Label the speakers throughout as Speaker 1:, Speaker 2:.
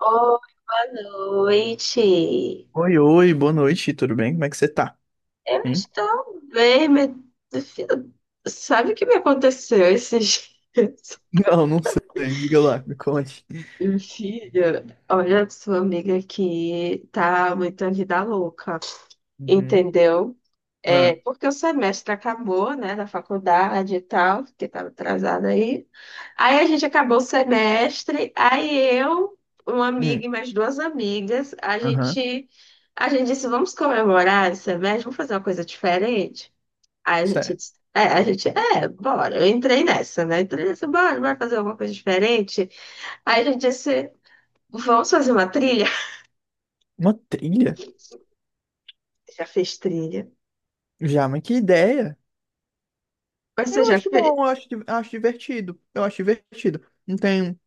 Speaker 1: Oi, boa noite.
Speaker 2: Oi, oi, boa noite, tudo bem? Como é que você tá?
Speaker 1: Eu
Speaker 2: Hein?
Speaker 1: estou bem, mas... Sabe o que me aconteceu esses dias?
Speaker 2: Não, não sei, diga lá, me conte.
Speaker 1: Filha, olha, sua amiga aqui tá muito vida louca,
Speaker 2: Uhum.
Speaker 1: entendeu?
Speaker 2: Ah,
Speaker 1: É, porque o semestre acabou, né, da faculdade e tal, que estava atrasada aí. Aí a gente acabou o semestre, aí eu, uma
Speaker 2: hum,
Speaker 1: amiga e mais duas amigas, a
Speaker 2: aham,
Speaker 1: gente, a gente disse, vamos comemorar esse semestre, vamos fazer uma coisa diferente. Aí a gente
Speaker 2: certo.
Speaker 1: disse, é, a gente, é, bora, eu entrei nessa, né, entrei nessa, bora fazer alguma coisa diferente. Aí a gente disse, vamos fazer uma trilha?
Speaker 2: Uma trilha?
Speaker 1: Já fez trilha?
Speaker 2: Já, mas que ideia!
Speaker 1: Mas você
Speaker 2: Eu
Speaker 1: já
Speaker 2: acho bom,
Speaker 1: fez?
Speaker 2: eu acho, acho divertido, eu acho divertido. Não tem,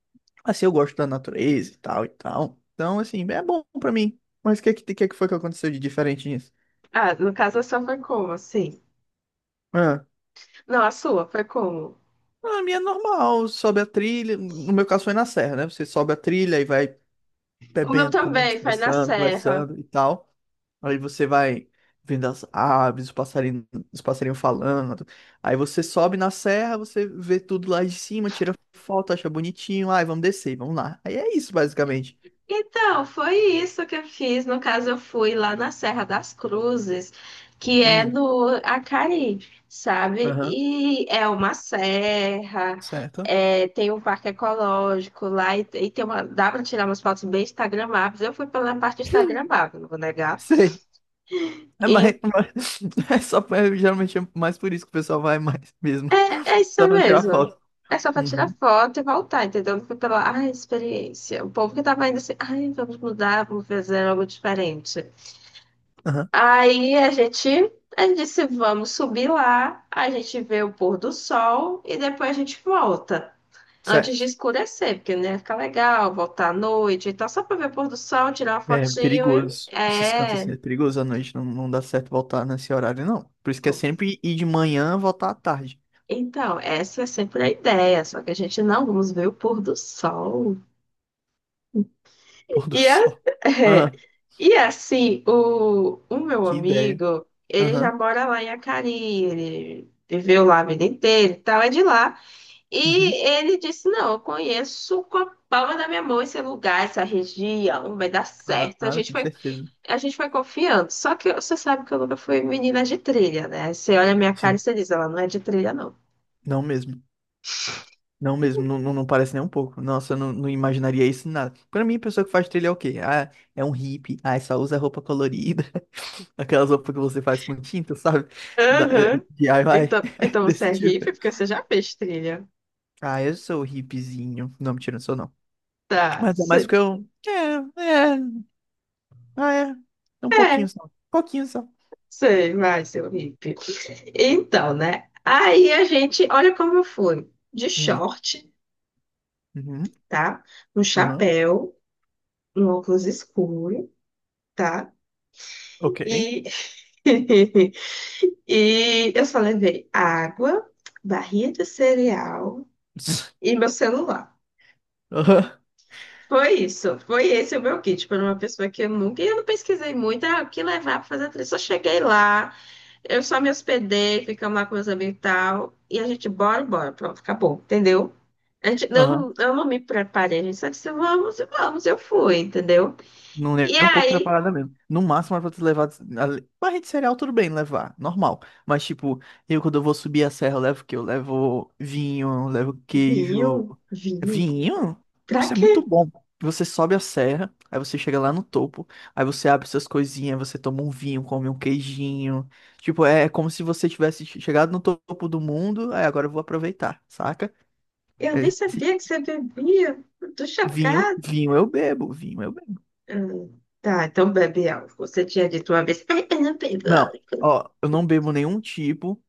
Speaker 2: assim, eu gosto da natureza e tal e tal. Então, assim, é bom pra mim. Mas o que é que foi que aconteceu de diferente nisso?
Speaker 1: Ah, no caso, só foi como, assim?
Speaker 2: Ah,
Speaker 1: Não, a sua foi como?
Speaker 2: a minha é normal, sobe a trilha, no meu caso foi na serra, né? Você sobe a trilha e vai
Speaker 1: O meu
Speaker 2: bebendo, comendo,
Speaker 1: também foi na
Speaker 2: descansando,
Speaker 1: Serra.
Speaker 2: conversando e tal. Aí você vai vendo as aves, os passarinhos falando. Aí você sobe na serra, você vê tudo lá de cima, tira foto, acha bonitinho. Ai, vamos descer, vamos lá. Aí é isso, basicamente.
Speaker 1: Então, foi isso que eu fiz. No caso, eu fui lá na Serra das Cruzes, que é
Speaker 2: Hum,
Speaker 1: no Acari, sabe?
Speaker 2: Aham,
Speaker 1: E é uma serra,
Speaker 2: certo.
Speaker 1: é, tem um parque ecológico lá e tem uma, dá para tirar umas fotos bem instagramáveis. Eu fui pela parte instagramável, não vou negar.
Speaker 2: Sei. É mais, é só, é, geralmente é mais por isso que o pessoal vai mais mesmo.
Speaker 1: É isso
Speaker 2: Só pra tirar
Speaker 1: mesmo.
Speaker 2: foto.
Speaker 1: É só pra tirar
Speaker 2: Uhum,
Speaker 1: foto e voltar, entendeu? Não foi pela, ai, experiência. O povo que tava indo assim, ai, vamos mudar, vamos fazer algo diferente.
Speaker 2: aham,
Speaker 1: Aí a gente disse, vamos subir lá, a gente vê o pôr do sol e depois a gente volta. Antes de
Speaker 2: certo.
Speaker 1: escurecer, porque não ia ficar legal, voltar à noite. Então, só pra ver o pôr do sol, tirar uma
Speaker 2: É
Speaker 1: fotinho e...
Speaker 2: perigoso. Esses cantos assim
Speaker 1: É...
Speaker 2: é perigoso à noite. Não, não dá certo voltar nesse horário, não. Por isso que é sempre ir de manhã, voltar à tarde.
Speaker 1: Então, essa é sempre a ideia, só que a gente não vamos ver o pôr do sol.
Speaker 2: Pôr do
Speaker 1: E,
Speaker 2: sol. Ah,
Speaker 1: e assim, o meu
Speaker 2: que ideia.
Speaker 1: amigo, ele já
Speaker 2: Aham.
Speaker 1: mora lá em Acari, ele viveu lá a vida inteira e tal, é de lá.
Speaker 2: Uhum.
Speaker 1: E ele disse: Não, eu conheço com a palma da minha mão esse lugar, essa região, vai dar certo. A
Speaker 2: Claro,
Speaker 1: gente
Speaker 2: com
Speaker 1: foi,
Speaker 2: certeza.
Speaker 1: a gente foi confiando. Só que você sabe que eu nunca fui menina de trilha, né? Você olha a minha cara e
Speaker 2: Sim.
Speaker 1: você diz: Ela não é de trilha, não.
Speaker 2: Não mesmo. Não mesmo. Não, não, não parece nem um pouco. Nossa, eu não, não imaginaria isso em nada. Pra mim, a pessoa que faz trilha é o quê? Ah, é um hippie. Ah, é só usa roupa colorida. Aquelas roupas que você faz com tinta, sabe? Da,
Speaker 1: Aham.
Speaker 2: DIY.
Speaker 1: Então, então você
Speaker 2: Desse
Speaker 1: é
Speaker 2: tipo.
Speaker 1: hippie porque você já fez trilha.
Speaker 2: Ah, eu sou hippiezinho. Não, mentira, não sou não.
Speaker 1: Tá.
Speaker 2: Mas é mais porque eu. É, é. Ah, é. É um pouquinho
Speaker 1: É.
Speaker 2: só. Um pouquinho só.
Speaker 1: Sei, vai, seu hippie. Então, né? Aí a gente, olha como eu fui. De
Speaker 2: Hum.
Speaker 1: short,
Speaker 2: Uhum.
Speaker 1: tá? Um
Speaker 2: Aham.
Speaker 1: chapéu, um óculos escuro, tá?
Speaker 2: Ok.
Speaker 1: E, e eu só levei água, barrinha de cereal e meu celular.
Speaker 2: Aham.
Speaker 1: Foi isso, foi esse o meu kit para uma pessoa que eu nunca. E eu não pesquisei muito, ah, o que levar para fazer a trilha. Só cheguei lá. Eu só me hospedei, ficamos lá com meus amigos e tal. E a gente, bora, pronto, acabou, entendeu? A gente, eu,
Speaker 2: Aham.
Speaker 1: eu não me preparei, a gente só disse, vamos, e vamos, eu fui, entendeu?
Speaker 2: Não é
Speaker 1: E
Speaker 2: nem um pouco
Speaker 1: aí,
Speaker 2: preparada mesmo. No máximo, era pra ter levado. A- barra de cereal, tudo bem levar, normal. Mas, tipo, eu quando eu vou subir a serra, eu levo o quê? Eu levo vinho, eu levo queijo.
Speaker 1: vinho, vinho,
Speaker 2: Vinho?
Speaker 1: pra
Speaker 2: Nossa, é
Speaker 1: quê?
Speaker 2: muito bom. Você sobe a serra, aí você chega lá no topo, aí você abre suas coisinhas, você toma um vinho, come um queijinho. Tipo, é como se você tivesse chegado no topo do mundo, aí agora eu vou aproveitar, saca?
Speaker 1: Eu nem
Speaker 2: É esse
Speaker 1: sabia que
Speaker 2: tipo.
Speaker 1: você bebia, eu tô
Speaker 2: Vinho,
Speaker 1: chocada.
Speaker 2: vinho eu bebo, vinho eu bebo.
Speaker 1: Tá, então bebe álcool. Você tinha dito uma vez, ai, eu não bebo
Speaker 2: Não,
Speaker 1: álcool.
Speaker 2: ó, eu não bebo nenhum tipo,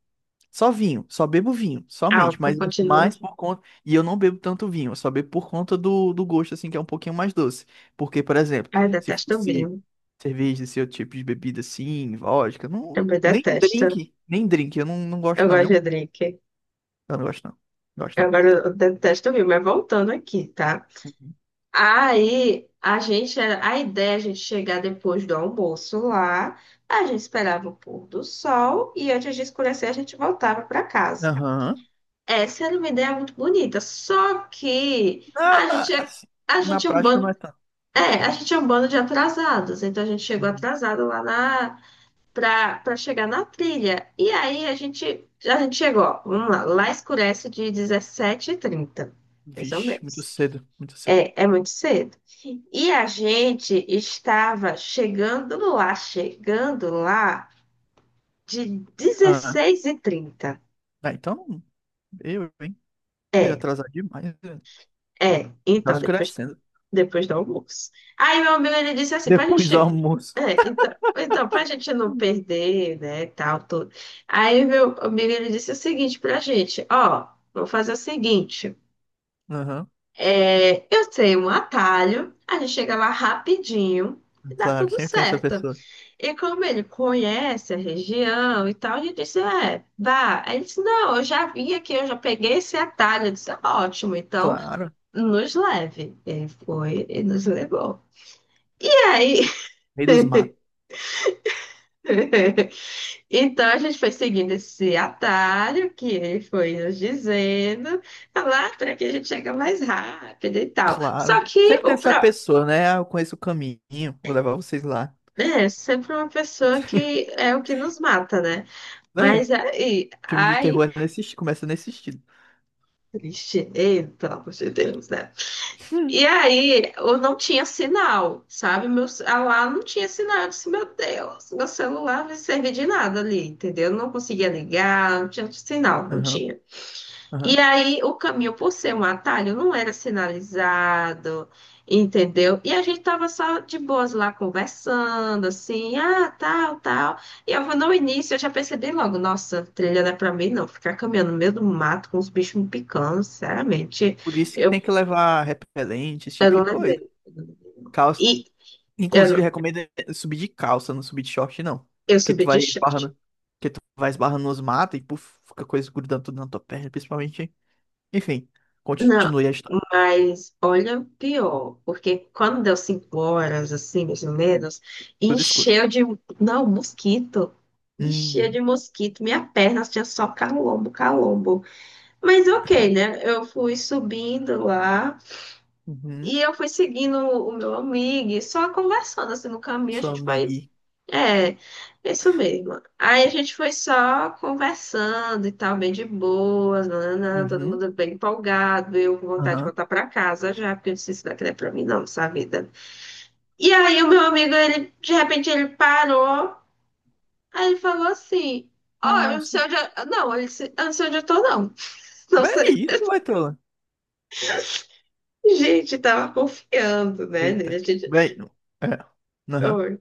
Speaker 2: só vinho, só bebo vinho, somente,
Speaker 1: Álcool,
Speaker 2: mas é
Speaker 1: continua.
Speaker 2: mais por conta, e eu não bebo tanto vinho, eu só bebo por conta do, do gosto, assim, que é um pouquinho mais doce, porque, por exemplo,
Speaker 1: Ai, eu
Speaker 2: se
Speaker 1: detesto
Speaker 2: fosse
Speaker 1: vinho,
Speaker 2: cerveja, esse outro tipo de bebida, assim, vodka, não,
Speaker 1: também
Speaker 2: nem
Speaker 1: detesto.
Speaker 2: drink, nem drink, eu não, não
Speaker 1: Eu
Speaker 2: gosto não,
Speaker 1: gosto
Speaker 2: não,
Speaker 1: de drink.
Speaker 2: eu não gosto não, não gosto não.
Speaker 1: Agora eu detesto ouvir, mas voltando aqui, tá?
Speaker 2: Uhum.
Speaker 1: Aí a gente, a ideia é a gente chegar depois do almoço lá, a gente esperava o pôr do sol e antes de escurecer a gente voltava para casa.
Speaker 2: Aham,
Speaker 1: Essa era uma ideia muito bonita, só que
Speaker 2: na, na, assim,
Speaker 1: a
Speaker 2: na
Speaker 1: gente é um
Speaker 2: prática não
Speaker 1: bando,
Speaker 2: é tanto.
Speaker 1: é, a gente é um bando de atrasados, então a gente chegou
Speaker 2: Uhum.
Speaker 1: atrasado lá na para chegar na trilha. E aí a gente chegou, ó, vamos lá, lá escurece de 17h30 mais ou
Speaker 2: Vixe, muito
Speaker 1: menos.
Speaker 2: cedo, muito cedo.
Speaker 1: É, muito cedo. E a gente estava chegando lá de
Speaker 2: Ah,
Speaker 1: 16h30
Speaker 2: ah, então, eu, hein, se
Speaker 1: É,
Speaker 2: atrasar demais... né?
Speaker 1: é.
Speaker 2: Tá
Speaker 1: Então, depois
Speaker 2: escurecendo.
Speaker 1: depois do almoço. Aí meu amigo ele disse assim, pra
Speaker 2: Depois do
Speaker 1: gente.
Speaker 2: almoço.
Speaker 1: É, então, pra gente não
Speaker 2: Hum.
Speaker 1: perder, né, tal, tudo. Aí meu amigo ele disse o seguinte pra gente, ó, vamos fazer o seguinte.
Speaker 2: Aham,
Speaker 1: É, eu tenho um atalho, a gente chega lá rapidinho. E dá
Speaker 2: claro,
Speaker 1: tudo
Speaker 2: sempre tem essa
Speaker 1: certo.
Speaker 2: pessoa.
Speaker 1: E como ele conhece a região e tal, ele disse: É, vá. Aí ele disse: Não, eu já vim aqui, eu já peguei esse atalho. Eu disse: "Tá ótimo, então
Speaker 2: Claro.
Speaker 1: nos leve. Ele foi e nos levou. E aí
Speaker 2: Meio dos matos.
Speaker 1: Então a gente foi seguindo esse atalho que ele foi nos dizendo, "Ah lá por aqui a gente chega mais rápido e tal. Só
Speaker 2: Claro.
Speaker 1: que
Speaker 2: Sempre tem essa pessoa, né? Ah, eu conheço o caminho, vou levar vocês lá.
Speaker 1: é sempre uma pessoa que é o que nos mata, né?
Speaker 2: É,
Speaker 1: Mas aí,
Speaker 2: filme de
Speaker 1: ai,
Speaker 2: terror é nesse, começa nesse estilo.
Speaker 1: triste, ei, pelo amor de Deus, né? E aí, eu não tinha sinal, sabe? Meu, lá não tinha sinal. Eu disse, meu Deus, meu celular não servia de nada ali, entendeu? Eu não conseguia ligar, não tinha sinal, não
Speaker 2: Aham,
Speaker 1: tinha. E
Speaker 2: aham.
Speaker 1: aí, o caminho, por ser um atalho, não era sinalizado, entendeu? E a gente tava só de boas lá conversando, assim, ah, tal, tal. E eu no início, eu já percebi logo, nossa, trilha não é pra mim, não. Ficar caminhando no meio do mato com os bichos me picando, sinceramente,
Speaker 2: Por isso que
Speaker 1: eu,
Speaker 2: tem que levar repelente, esse
Speaker 1: eu
Speaker 2: tipo de
Speaker 1: não
Speaker 2: coisa.
Speaker 1: levei.
Speaker 2: Calça.
Speaker 1: E eu,
Speaker 2: Inclusive,
Speaker 1: não-
Speaker 2: recomendo subir de calça, não subir de short, não.
Speaker 1: eu
Speaker 2: Porque tu
Speaker 1: subi de short.
Speaker 2: vai esbarrando nos matos e puf, fica coisa grudando tudo na tua perna, principalmente. Enfim,
Speaker 1: Não,
Speaker 2: continue a história.
Speaker 1: mas olha o pior, porque quando deu 5 horas, assim, mais ou menos,
Speaker 2: Tudo escuro.
Speaker 1: encheu de. Não, mosquito. Encheu de
Speaker 2: Hum,
Speaker 1: mosquito. Minha perna tinha só calombo, calombo. Mas ok, né? Eu fui subindo lá e
Speaker 2: uhum.
Speaker 1: eu fui seguindo o meu amigo, e só conversando assim no caminho, a
Speaker 2: Sua
Speaker 1: gente vai
Speaker 2: miri.
Speaker 1: é, isso mesmo. Aí a gente foi só conversando e tal, bem de boas, nananã, todo
Speaker 2: Uhum.
Speaker 1: mundo bem empolgado, eu com vontade de
Speaker 2: Aham.
Speaker 1: voltar pra casa já, porque eu disse, isso daqui não é pra mim não, essa vida. E aí o meu amigo, ele, de repente, ele parou, aí ele falou assim,
Speaker 2: Uma
Speaker 1: ó, eu não
Speaker 2: onça.
Speaker 1: sei onde eu... Não, ele disse, eu não sei onde eu tô, não. Não
Speaker 2: Vai
Speaker 1: sei.
Speaker 2: isso, vai tola.
Speaker 1: Gente, tava confiando, né, nele. A
Speaker 2: Eita.
Speaker 1: gente...
Speaker 2: Vai. É. Aham.
Speaker 1: Oi,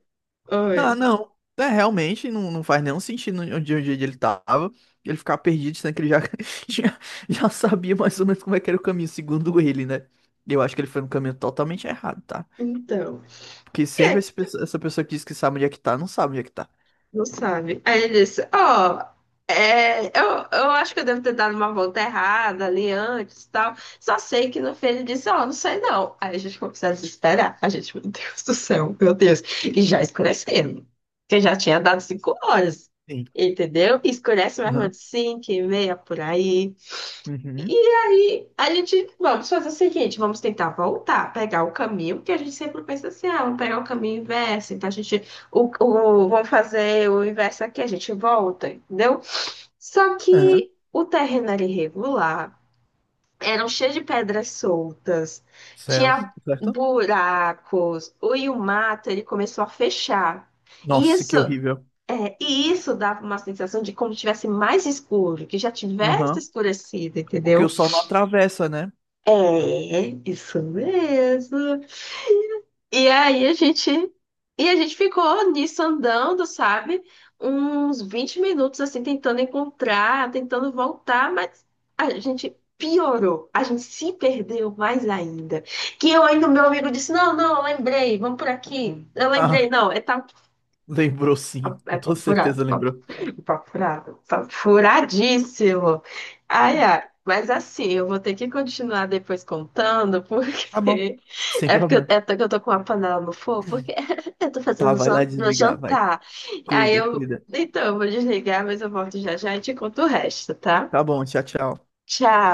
Speaker 2: Ah,
Speaker 1: oi.
Speaker 2: não. É, realmente não, não faz nenhum sentido onde, onde ele tava. Ele ficar perdido, sendo que ele já, já, já sabia mais ou menos como é que era o caminho, segundo ele, né? Eu acho que ele foi no caminho totalmente errado, tá?
Speaker 1: Então...
Speaker 2: Porque sempre esse essa pessoa que diz que sabe onde é que tá, não sabe onde é que tá.
Speaker 1: Não sabe. Aí ele disse, ó, é, eu acho que eu devo ter dado uma volta errada ali antes e tal. Só sei que no fim ele disse, ó, não sei não. Aí a gente começou a desesperar. A gente, meu Deus do céu, meu Deus. E já escurecendo. Porque já tinha dado 5 horas.
Speaker 2: Sim.
Speaker 1: Entendeu? E escurece mais ou
Speaker 2: Aham.
Speaker 1: menos 5h30 por aí. E
Speaker 2: Uhum.
Speaker 1: aí, a gente, vamos fazer o seguinte, vamos tentar voltar, pegar o caminho, porque a gente sempre pensa assim, ah, vamos pegar o caminho inverso, então a gente, vamos fazer o inverso aqui, a gente volta, entendeu? Só
Speaker 2: Aham.
Speaker 1: que o terreno era irregular, eram cheios de pedras soltas,
Speaker 2: Céus.
Speaker 1: tinha
Speaker 2: Certo?
Speaker 1: buracos, e o mato, ele começou a fechar. E
Speaker 2: Nossa,
Speaker 1: isso,
Speaker 2: que horrível.
Speaker 1: e isso dava uma sensação de como tivesse mais escuro, que já tivesse
Speaker 2: Aham.
Speaker 1: escurecido,
Speaker 2: Porque
Speaker 1: entendeu?
Speaker 2: o sol não atravessa, né?
Speaker 1: É, isso mesmo. E aí a gente ficou nisso andando, sabe? Uns 20 minutos assim tentando encontrar, tentando voltar, mas a gente piorou. A gente se perdeu mais ainda. Que eu ainda meu amigo disse: "Não, não, eu lembrei, vamos por aqui". Eu lembrei,
Speaker 2: Ah,
Speaker 1: não, é tal
Speaker 2: lembrou sim.
Speaker 1: é,
Speaker 2: Com
Speaker 1: é
Speaker 2: toda
Speaker 1: furado.
Speaker 2: certeza lembrou.
Speaker 1: Papo furado. Papo furadíssimo. Ai, ai. Mas assim, eu vou ter que continuar depois contando,
Speaker 2: Tá bom,
Speaker 1: porque
Speaker 2: sem
Speaker 1: é porque eu,
Speaker 2: problema.
Speaker 1: é porque eu tô com a panela no fogo, porque eu tô
Speaker 2: Tá,
Speaker 1: fazendo
Speaker 2: vai lá
Speaker 1: meu
Speaker 2: desligar, vai.
Speaker 1: jantar. Aí
Speaker 2: Cuida,
Speaker 1: eu,
Speaker 2: cuida.
Speaker 1: então, eu vou desligar, mas eu volto já já e te conto o resto, tá?
Speaker 2: Tá bom, tchau, tchau.
Speaker 1: Tchau.